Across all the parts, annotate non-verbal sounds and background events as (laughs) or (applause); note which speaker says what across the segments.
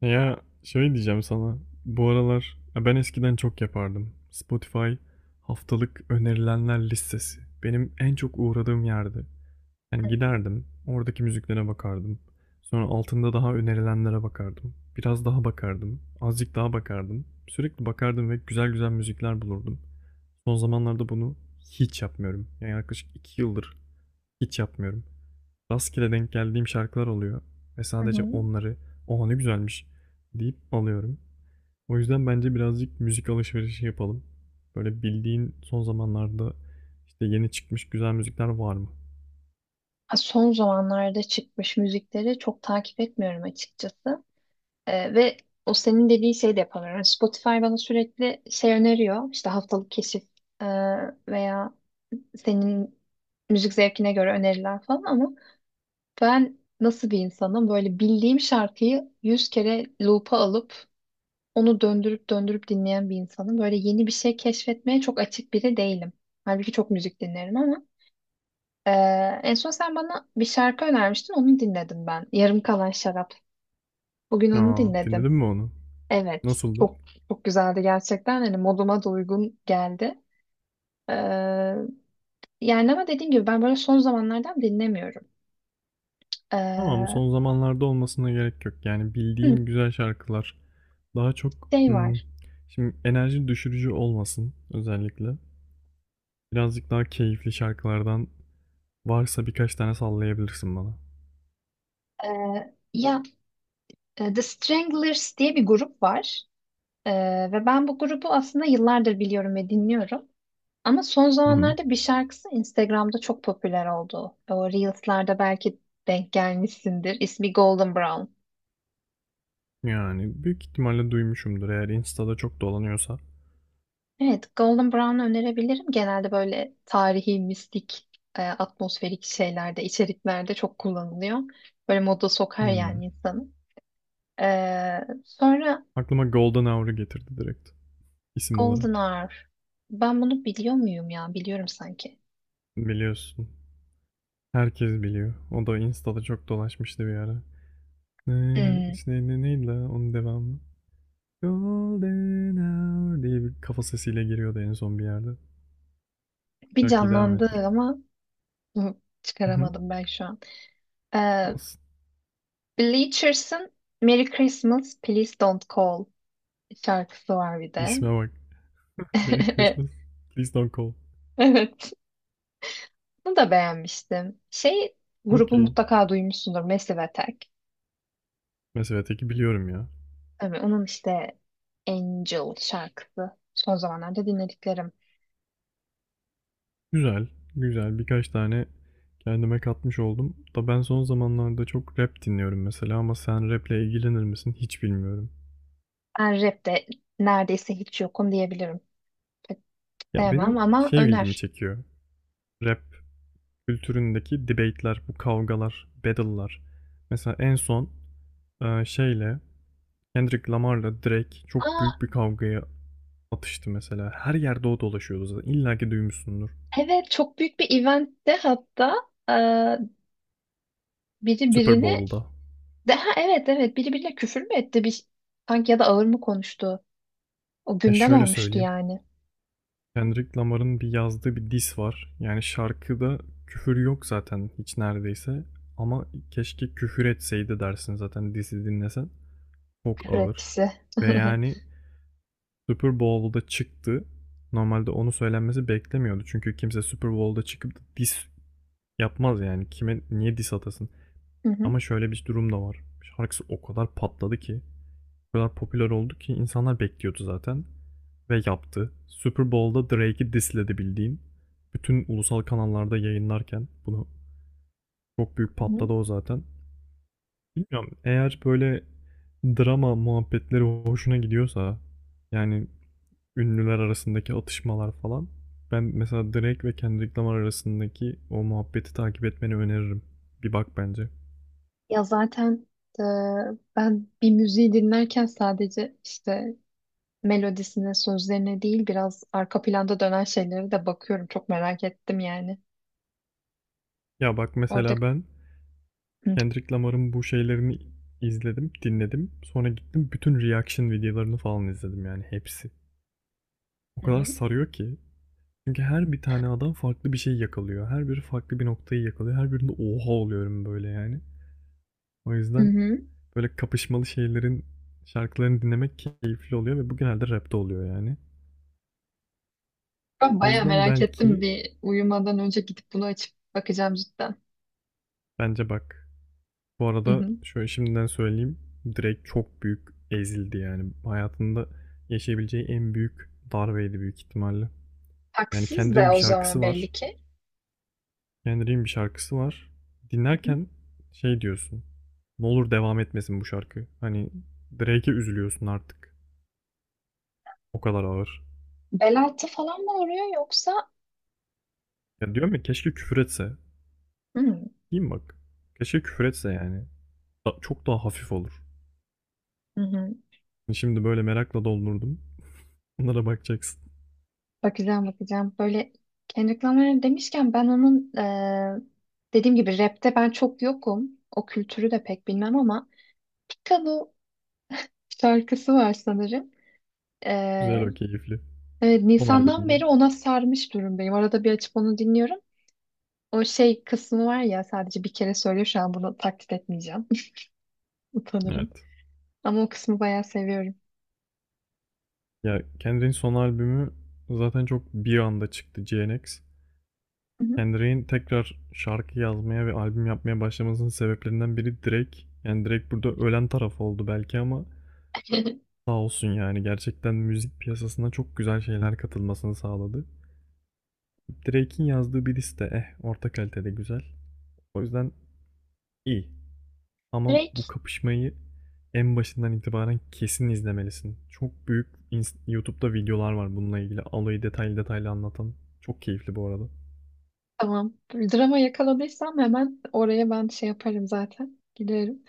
Speaker 1: Ya şöyle diyeceğim sana. Bu aralar ya ben eskiden çok yapardım. Spotify haftalık önerilenler listesi. Benim en çok uğradığım yerdi. Yani giderdim, oradaki müziklere bakardım. Sonra altında daha önerilenlere bakardım. Biraz daha bakardım, azıcık daha bakardım. Sürekli bakardım ve güzel güzel müzikler bulurdum. Son zamanlarda bunu hiç yapmıyorum. Yani yaklaşık 2 yıldır hiç yapmıyorum. Rastgele denk geldiğim şarkılar oluyor ve
Speaker 2: Hı
Speaker 1: sadece
Speaker 2: hı.
Speaker 1: onları "Oha ne güzelmiş." deyip alıyorum. O yüzden bence birazcık müzik alışverişi yapalım. Böyle bildiğin son zamanlarda, işte, yeni çıkmış güzel müzikler var mı?
Speaker 2: Ha, son zamanlarda çıkmış müzikleri çok takip etmiyorum açıkçası. Ve o senin dediği şey de yapamıyorum. Yani Spotify bana sürekli şey öneriyor. İşte haftalık keşif e, veya senin müzik zevkine göre öneriler falan, ama ben nasıl bir insanım? Böyle bildiğim şarkıyı yüz kere loop'a alıp onu döndürüp döndürüp dinleyen bir insanım. Böyle yeni bir şey keşfetmeye çok açık biri değilim. Halbuki çok müzik dinlerim ama Ee, en son sen bana bir şarkı önermiştin, onu dinledim ben. Yarım Kalan Şarap. Bugün onu
Speaker 1: Aa
Speaker 2: dinledim.
Speaker 1: Dinledin mi onu?
Speaker 2: Evet,
Speaker 1: Nasıldı?
Speaker 2: çok güzeldi gerçekten. Hani moduma da uygun geldi. Ee, yani ama dediğim gibi ben böyle son zamanlardan dinlemiyorum.
Speaker 1: Tamam,
Speaker 2: Ee,
Speaker 1: son zamanlarda olmasına gerek yok. Yani bildiğin
Speaker 2: hı,
Speaker 1: güzel şarkılar. Daha çok,
Speaker 2: şey var.
Speaker 1: şimdi enerji düşürücü olmasın özellikle. Birazcık daha keyifli şarkılardan varsa birkaç tane sallayabilirsin bana.
Speaker 2: Ee, ya The Stranglers diye bir grup var. Ve ben bu grubu aslında yıllardır biliyorum ve dinliyorum. Ama son
Speaker 1: Hı hı.
Speaker 2: zamanlarda bir şarkısı Instagram'da çok popüler oldu. O Reels'larda belki denk gelmişsindir. İsmi Golden Brown.
Speaker 1: Yani büyük ihtimalle duymuşumdur eğer Insta'da çok dolanıyorsa.
Speaker 2: Evet, Golden Brown'u önerebilirim. Genelde böyle tarihi, mistik, atmosferik şeylerde, içeriklerde çok kullanılıyor. Böyle moda sokar
Speaker 1: Hmm.
Speaker 2: yani insanı. E, sonra
Speaker 1: Aklıma Golden Hour'u getirdi direkt isim
Speaker 2: Golden
Speaker 1: olarak.
Speaker 2: Hour. Ben bunu biliyor muyum ya? Biliyorum sanki.
Speaker 1: Biliyorsun. Herkes biliyor. O da Insta'da çok dolaşmıştı bir ara. Ne,
Speaker 2: Hmm,
Speaker 1: işte ne, neydi la onun devamı? Golden Hour diye bir kafa sesiyle giriyordu en son bir yerde.
Speaker 2: bir
Speaker 1: Şarkıyı devam
Speaker 2: canlandı
Speaker 1: ettirip.
Speaker 2: ama hı,
Speaker 1: (laughs) Hı hı.
Speaker 2: çıkaramadım ben şu an. E, Bleachers'ın Merry Christmas, Please Don't Call şarkısı var bir de.
Speaker 1: İsme bak. (laughs) Merry Christmas.
Speaker 2: (laughs)
Speaker 1: Please don't call.
Speaker 2: Evet, bunu da beğenmiştim. Şey, grubu
Speaker 1: Okay.
Speaker 2: mutlaka duymuşsundur, Massive Attack.
Speaker 1: Mesela teki biliyorum ya.
Speaker 2: Tabii onun işte Angel şarkısı. Son zamanlarda dinlediklerim.
Speaker 1: Güzel, güzel. Birkaç tane kendime katmış oldum. Da ben son zamanlarda çok rap dinliyorum mesela, ama sen rap'le ilgilenir misin hiç bilmiyorum.
Speaker 2: Ben rapte neredeyse hiç yokum diyebilirim. Pek
Speaker 1: Ya
Speaker 2: sevmem
Speaker 1: benim
Speaker 2: ama
Speaker 1: şey ilgimi
Speaker 2: öner.
Speaker 1: çekiyor. Rap kültüründeki debate'ler, bu kavgalar, battle'lar. Mesela en son e, şeyle Kendrick Lamar'la Drake çok
Speaker 2: Aa,
Speaker 1: büyük bir kavgaya atıştı mesela. Her yerde o dolaşıyordu zaten. İlla ki duymuşsundur.
Speaker 2: evet çok büyük bir eventte hatta eee, biri
Speaker 1: Super
Speaker 2: birini
Speaker 1: Bowl'da.
Speaker 2: ha evet evet, biri birine küfür mü etti bir sanki, ya da ağır mı konuştu? O
Speaker 1: Ya
Speaker 2: gündem
Speaker 1: şöyle
Speaker 2: olmuştu
Speaker 1: söyleyeyim.
Speaker 2: yani.
Speaker 1: Kendrick Lamar'ın bir yazdığı bir diss var. Yani şarkıda küfür yok zaten hiç neredeyse. Ama keşke küfür etseydi dersin zaten diss'i dinlesen. Çok
Speaker 2: Küfür
Speaker 1: ağır.
Speaker 2: etkisi.
Speaker 1: Ve
Speaker 2: (laughs)
Speaker 1: yani Super Bowl'da çıktı. Normalde onu söylenmesi beklemiyordu. Çünkü kimse Super Bowl'da çıkıp da diss yapmaz yani. Kime niye diss atasın?
Speaker 2: Hı hı,
Speaker 1: Ama şöyle bir durum da var. Şarkısı o kadar patladı ki. O kadar popüler oldu ki insanlar bekliyordu zaten. Ve yaptı. Super Bowl'da Drake'i disledi bildiğin. Bütün ulusal kanallarda yayınlarken bunu çok büyük
Speaker 2: hı hı.
Speaker 1: patladı o zaten. Bilmiyorum, eğer böyle drama muhabbetleri hoşuna gidiyorsa, yani ünlüler arasındaki atışmalar falan, ben mesela Drake ve Kendrick Lamar arasındaki o muhabbeti takip etmeni öneririm. Bir bak bence.
Speaker 2: Ya zaten e, ben bir müziği dinlerken sadece işte melodisine, sözlerine değil biraz arka planda dönen şeylere de bakıyorum. Çok merak ettim yani.
Speaker 1: Ya bak
Speaker 2: Orada.
Speaker 1: mesela ben
Speaker 2: Hı
Speaker 1: Kendrick Lamar'ın bu şeylerini izledim, dinledim. Sonra gittim bütün reaction videolarını falan izledim yani hepsi. O kadar
Speaker 2: hı.
Speaker 1: sarıyor ki. Çünkü her bir tane adam farklı bir şey yakalıyor. Her biri farklı bir noktayı yakalıyor. Her birinde oha oluyorum böyle yani. O
Speaker 2: Hı
Speaker 1: yüzden
Speaker 2: hı.
Speaker 1: böyle kapışmalı şeylerin şarkılarını dinlemek keyifli oluyor ve bu genelde rapte oluyor yani.
Speaker 2: Ben
Speaker 1: O
Speaker 2: bayağı
Speaker 1: yüzden
Speaker 2: merak ettim.
Speaker 1: belki
Speaker 2: Bir uyumadan önce gidip bunu açıp bakacağım cidden.
Speaker 1: bence bak. Bu
Speaker 2: Hı
Speaker 1: arada
Speaker 2: hı.
Speaker 1: şöyle şimdiden söyleyeyim. Direkt çok büyük ezildi yani. Hayatında yaşayabileceği en büyük darbeydi büyük ihtimalle. Yani
Speaker 2: Haksız
Speaker 1: Kendrick'in
Speaker 2: da
Speaker 1: bir
Speaker 2: o zaman
Speaker 1: şarkısı
Speaker 2: belli
Speaker 1: var.
Speaker 2: ki.
Speaker 1: Kendrick'in bir şarkısı var.
Speaker 2: Hı hı.
Speaker 1: Dinlerken şey diyorsun. Ne olur devam etmesin bu şarkı. Hani Drake'e üzülüyorsun artık. O kadar ağır.
Speaker 2: Bel altı falan mı oluyor yoksa?
Speaker 1: Ya diyorum ya keşke küfür etse.
Speaker 2: Hı hı.
Speaker 1: Diyeyim bak. Keşke küfür etse yani. Çok daha hafif olur.
Speaker 2: Hı hı.
Speaker 1: Hani, şimdi böyle merakla doldurdum. Bunlara bakacaksın.
Speaker 2: Bakacağım, bakacağım. Böyle Kendrick Lamar demişken ben onun dediğim gibi rapte ben çok yokum. O kültürü de pek bilmem ama Piccolo şarkısı var sanırım.
Speaker 1: Güzel,
Speaker 2: Eee,
Speaker 1: o keyifli.
Speaker 2: evet,
Speaker 1: Son
Speaker 2: Nisan'dan
Speaker 1: albümünden.
Speaker 2: beri ona sarmış durumdayım. Arada bir açıp onu dinliyorum. O şey kısmı var ya, sadece bir kere söylüyor, şu an bunu taklit etmeyeceğim. (laughs) Utanırım.
Speaker 1: Evet.
Speaker 2: Ama o kısmı bayağı seviyorum.
Speaker 1: Ya Kendrick'in son albümü zaten çok bir anda çıktı, GNX.
Speaker 2: Hı hı.
Speaker 1: Kendrick'in tekrar şarkı yazmaya ve albüm yapmaya başlamasının sebeplerinden biri Drake. Yani Drake burada ölen taraf oldu belki, ama sağ olsun yani gerçekten müzik piyasasına çok güzel şeyler katılmasını sağladı. Drake'in yazdığı bir liste eh orta kalitede güzel. O yüzden iyi. Ama bu
Speaker 2: Drake,
Speaker 1: kapışmayı en başından itibaren kesin izlemelisin. Çok büyük YouTube'da videolar var bununla ilgili. Alayı detaylı detaylı anlatan. Çok keyifli bu arada.
Speaker 2: tamam. Drama yakaladıysam hemen oraya ben şey yaparım zaten. Giderim.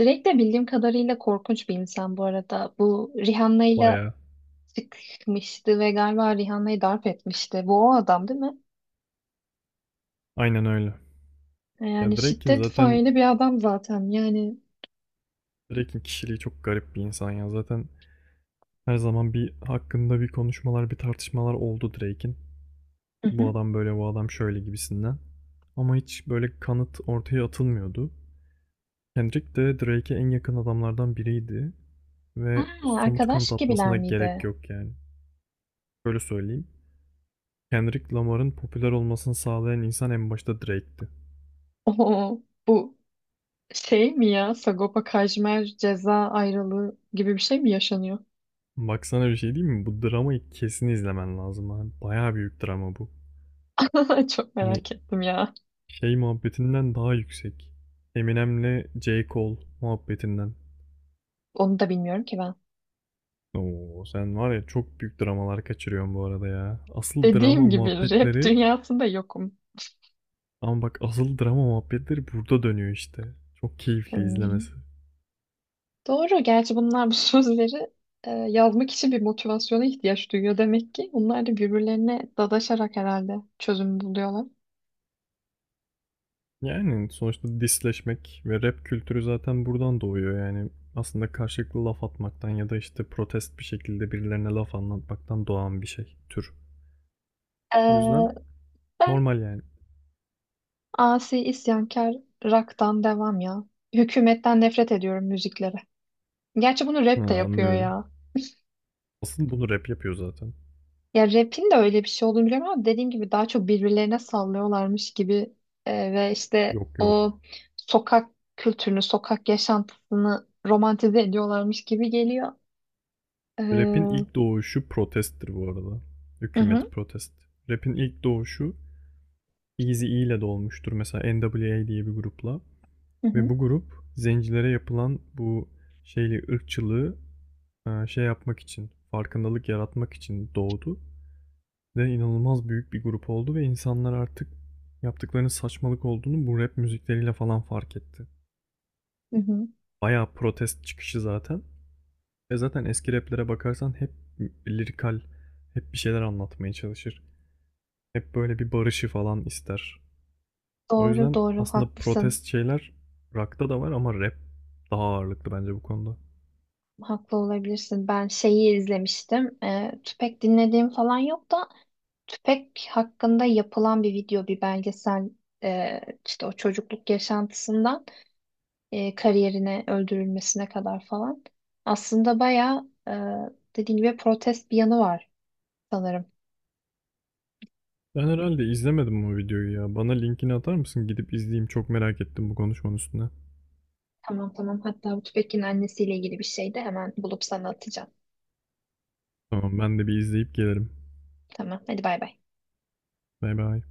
Speaker 2: Drake de bildiğim kadarıyla korkunç bir insan bu arada. Bu Rihanna'yla
Speaker 1: Bayağı.
Speaker 2: çıkmıştı ve galiba Rihanna'yı darp etmişti. Bu o adam değil mi?
Speaker 1: Aynen öyle. Ya
Speaker 2: Yani
Speaker 1: Drake'in
Speaker 2: şiddet
Speaker 1: zaten
Speaker 2: faili bir adam zaten. Yani.
Speaker 1: Drake'in kişiliği çok garip bir insan ya. Zaten her zaman bir hakkında bir konuşmalar, bir tartışmalar oldu Drake'in.
Speaker 2: Hı
Speaker 1: Bu
Speaker 2: hı.
Speaker 1: adam böyle, bu adam şöyle gibisinden. Ama hiç böyle kanıt ortaya atılmıyordu. Kendrick de Drake'e en yakın adamlardan biriydi ve
Speaker 2: Aa,
Speaker 1: somut
Speaker 2: arkadaş
Speaker 1: kanıt
Speaker 2: gibiler
Speaker 1: atmasına gerek
Speaker 2: miydi?
Speaker 1: yok yani. Böyle söyleyeyim. Kendrick Lamar'ın popüler olmasını sağlayan insan en başta Drake'ti.
Speaker 2: Oo, bu şey mi ya? Sagopa Kajmer ceza ayrılığı gibi bir şey mi yaşanıyor?
Speaker 1: Baksana bir şey değil mi? Bu dramayı kesin izlemen lazım abi. Bayağı büyük drama bu.
Speaker 2: (laughs) Çok
Speaker 1: Hani
Speaker 2: merak ettim ya.
Speaker 1: şey muhabbetinden daha yüksek. Eminem'le J. Cole muhabbetinden.
Speaker 2: Onu da bilmiyorum ki ben.
Speaker 1: Oo sen var ya, çok büyük dramalar kaçırıyorsun bu arada ya. Asıl drama
Speaker 2: Dediğim gibi rap
Speaker 1: muhabbetleri.
Speaker 2: dünyasında yokum.
Speaker 1: Ama bak, asıl drama muhabbetleri burada dönüyor işte. Çok keyifli
Speaker 2: Hmm.
Speaker 1: izlemesi.
Speaker 2: Doğru. Gerçi bunlar bu (laughs) sözleri yazmak için bir motivasyona ihtiyaç duyuyor demek ki. Bunlar da birbirlerine dadaşarak herhalde çözüm buluyorlar.
Speaker 1: Yani sonuçta disleşmek ve rap kültürü zaten buradan doğuyor yani. Aslında karşılıklı laf atmaktan ya da işte protest bir şekilde birilerine laf anlatmaktan doğan bir şey, tür. O
Speaker 2: Ee,
Speaker 1: yüzden
Speaker 2: ben
Speaker 1: normal yani.
Speaker 2: asi isyankar rock'tan devam ya. Hükümetten nefret ediyorum müziklere. Gerçi bunu
Speaker 1: Ha,
Speaker 2: rap de yapıyor
Speaker 1: anlıyorum.
Speaker 2: ya.
Speaker 1: Asıl bunu rap yapıyor zaten.
Speaker 2: Ya rap'in de öyle bir şey olduğunu biliyorum ama dediğim gibi daha çok birbirlerine sallıyorlarmış gibi ve işte
Speaker 1: Yok
Speaker 2: o
Speaker 1: yok.
Speaker 2: sokak kültürünü, sokak yaşantısını romantize ediyorlarmış gibi geliyor.
Speaker 1: Rap'in
Speaker 2: Hı
Speaker 1: ilk doğuşu protesttir bu arada.
Speaker 2: hı.
Speaker 1: Hükümet protest. Rap'in ilk doğuşu Eazy-E ile de olmuştur. Mesela NWA diye bir grupla.
Speaker 2: Hı
Speaker 1: Ve
Speaker 2: hı,
Speaker 1: bu grup zencilere yapılan bu şeyli ırkçılığı, şey yapmak için, farkındalık yaratmak için doğdu. Ve inanılmaz büyük bir grup oldu ve insanlar artık yaptıklarının saçmalık olduğunu bu rap müzikleriyle falan fark etti.
Speaker 2: hı hı.
Speaker 1: Bayağı protest çıkışı zaten. Ve zaten eski raplere bakarsan hep lirikal, hep bir şeyler anlatmaya çalışır. Hep böyle bir barışı falan ister. O
Speaker 2: Doğru
Speaker 1: yüzden
Speaker 2: doğru,
Speaker 1: aslında
Speaker 2: haklısın.
Speaker 1: protest şeyler rock'ta da var ama rap daha ağırlıklı bence bu konuda.
Speaker 2: Haklı olabilirsin. Ben şeyi izlemiştim. Tüpek dinlediğim falan yok da Tüpek hakkında yapılan bir video, bir belgesel, e, işte o çocukluk yaşantısından kariyerine, öldürülmesine kadar falan. Aslında bayağı, dediğim gibi, protest bir yanı var sanırım.
Speaker 1: Ben herhalde izlemedim o videoyu ya. Bana linkini atar mısın? Gidip izleyeyim. Çok merak ettim bu konuşmanın üstüne.
Speaker 2: Tamam tamam. Hatta bu Tüpek'in annesiyle ilgili bir şey de hemen bulup sana atacağım.
Speaker 1: Tamam ben de bir izleyip gelirim.
Speaker 2: Tamam. Hadi bay bay.
Speaker 1: Bay bay.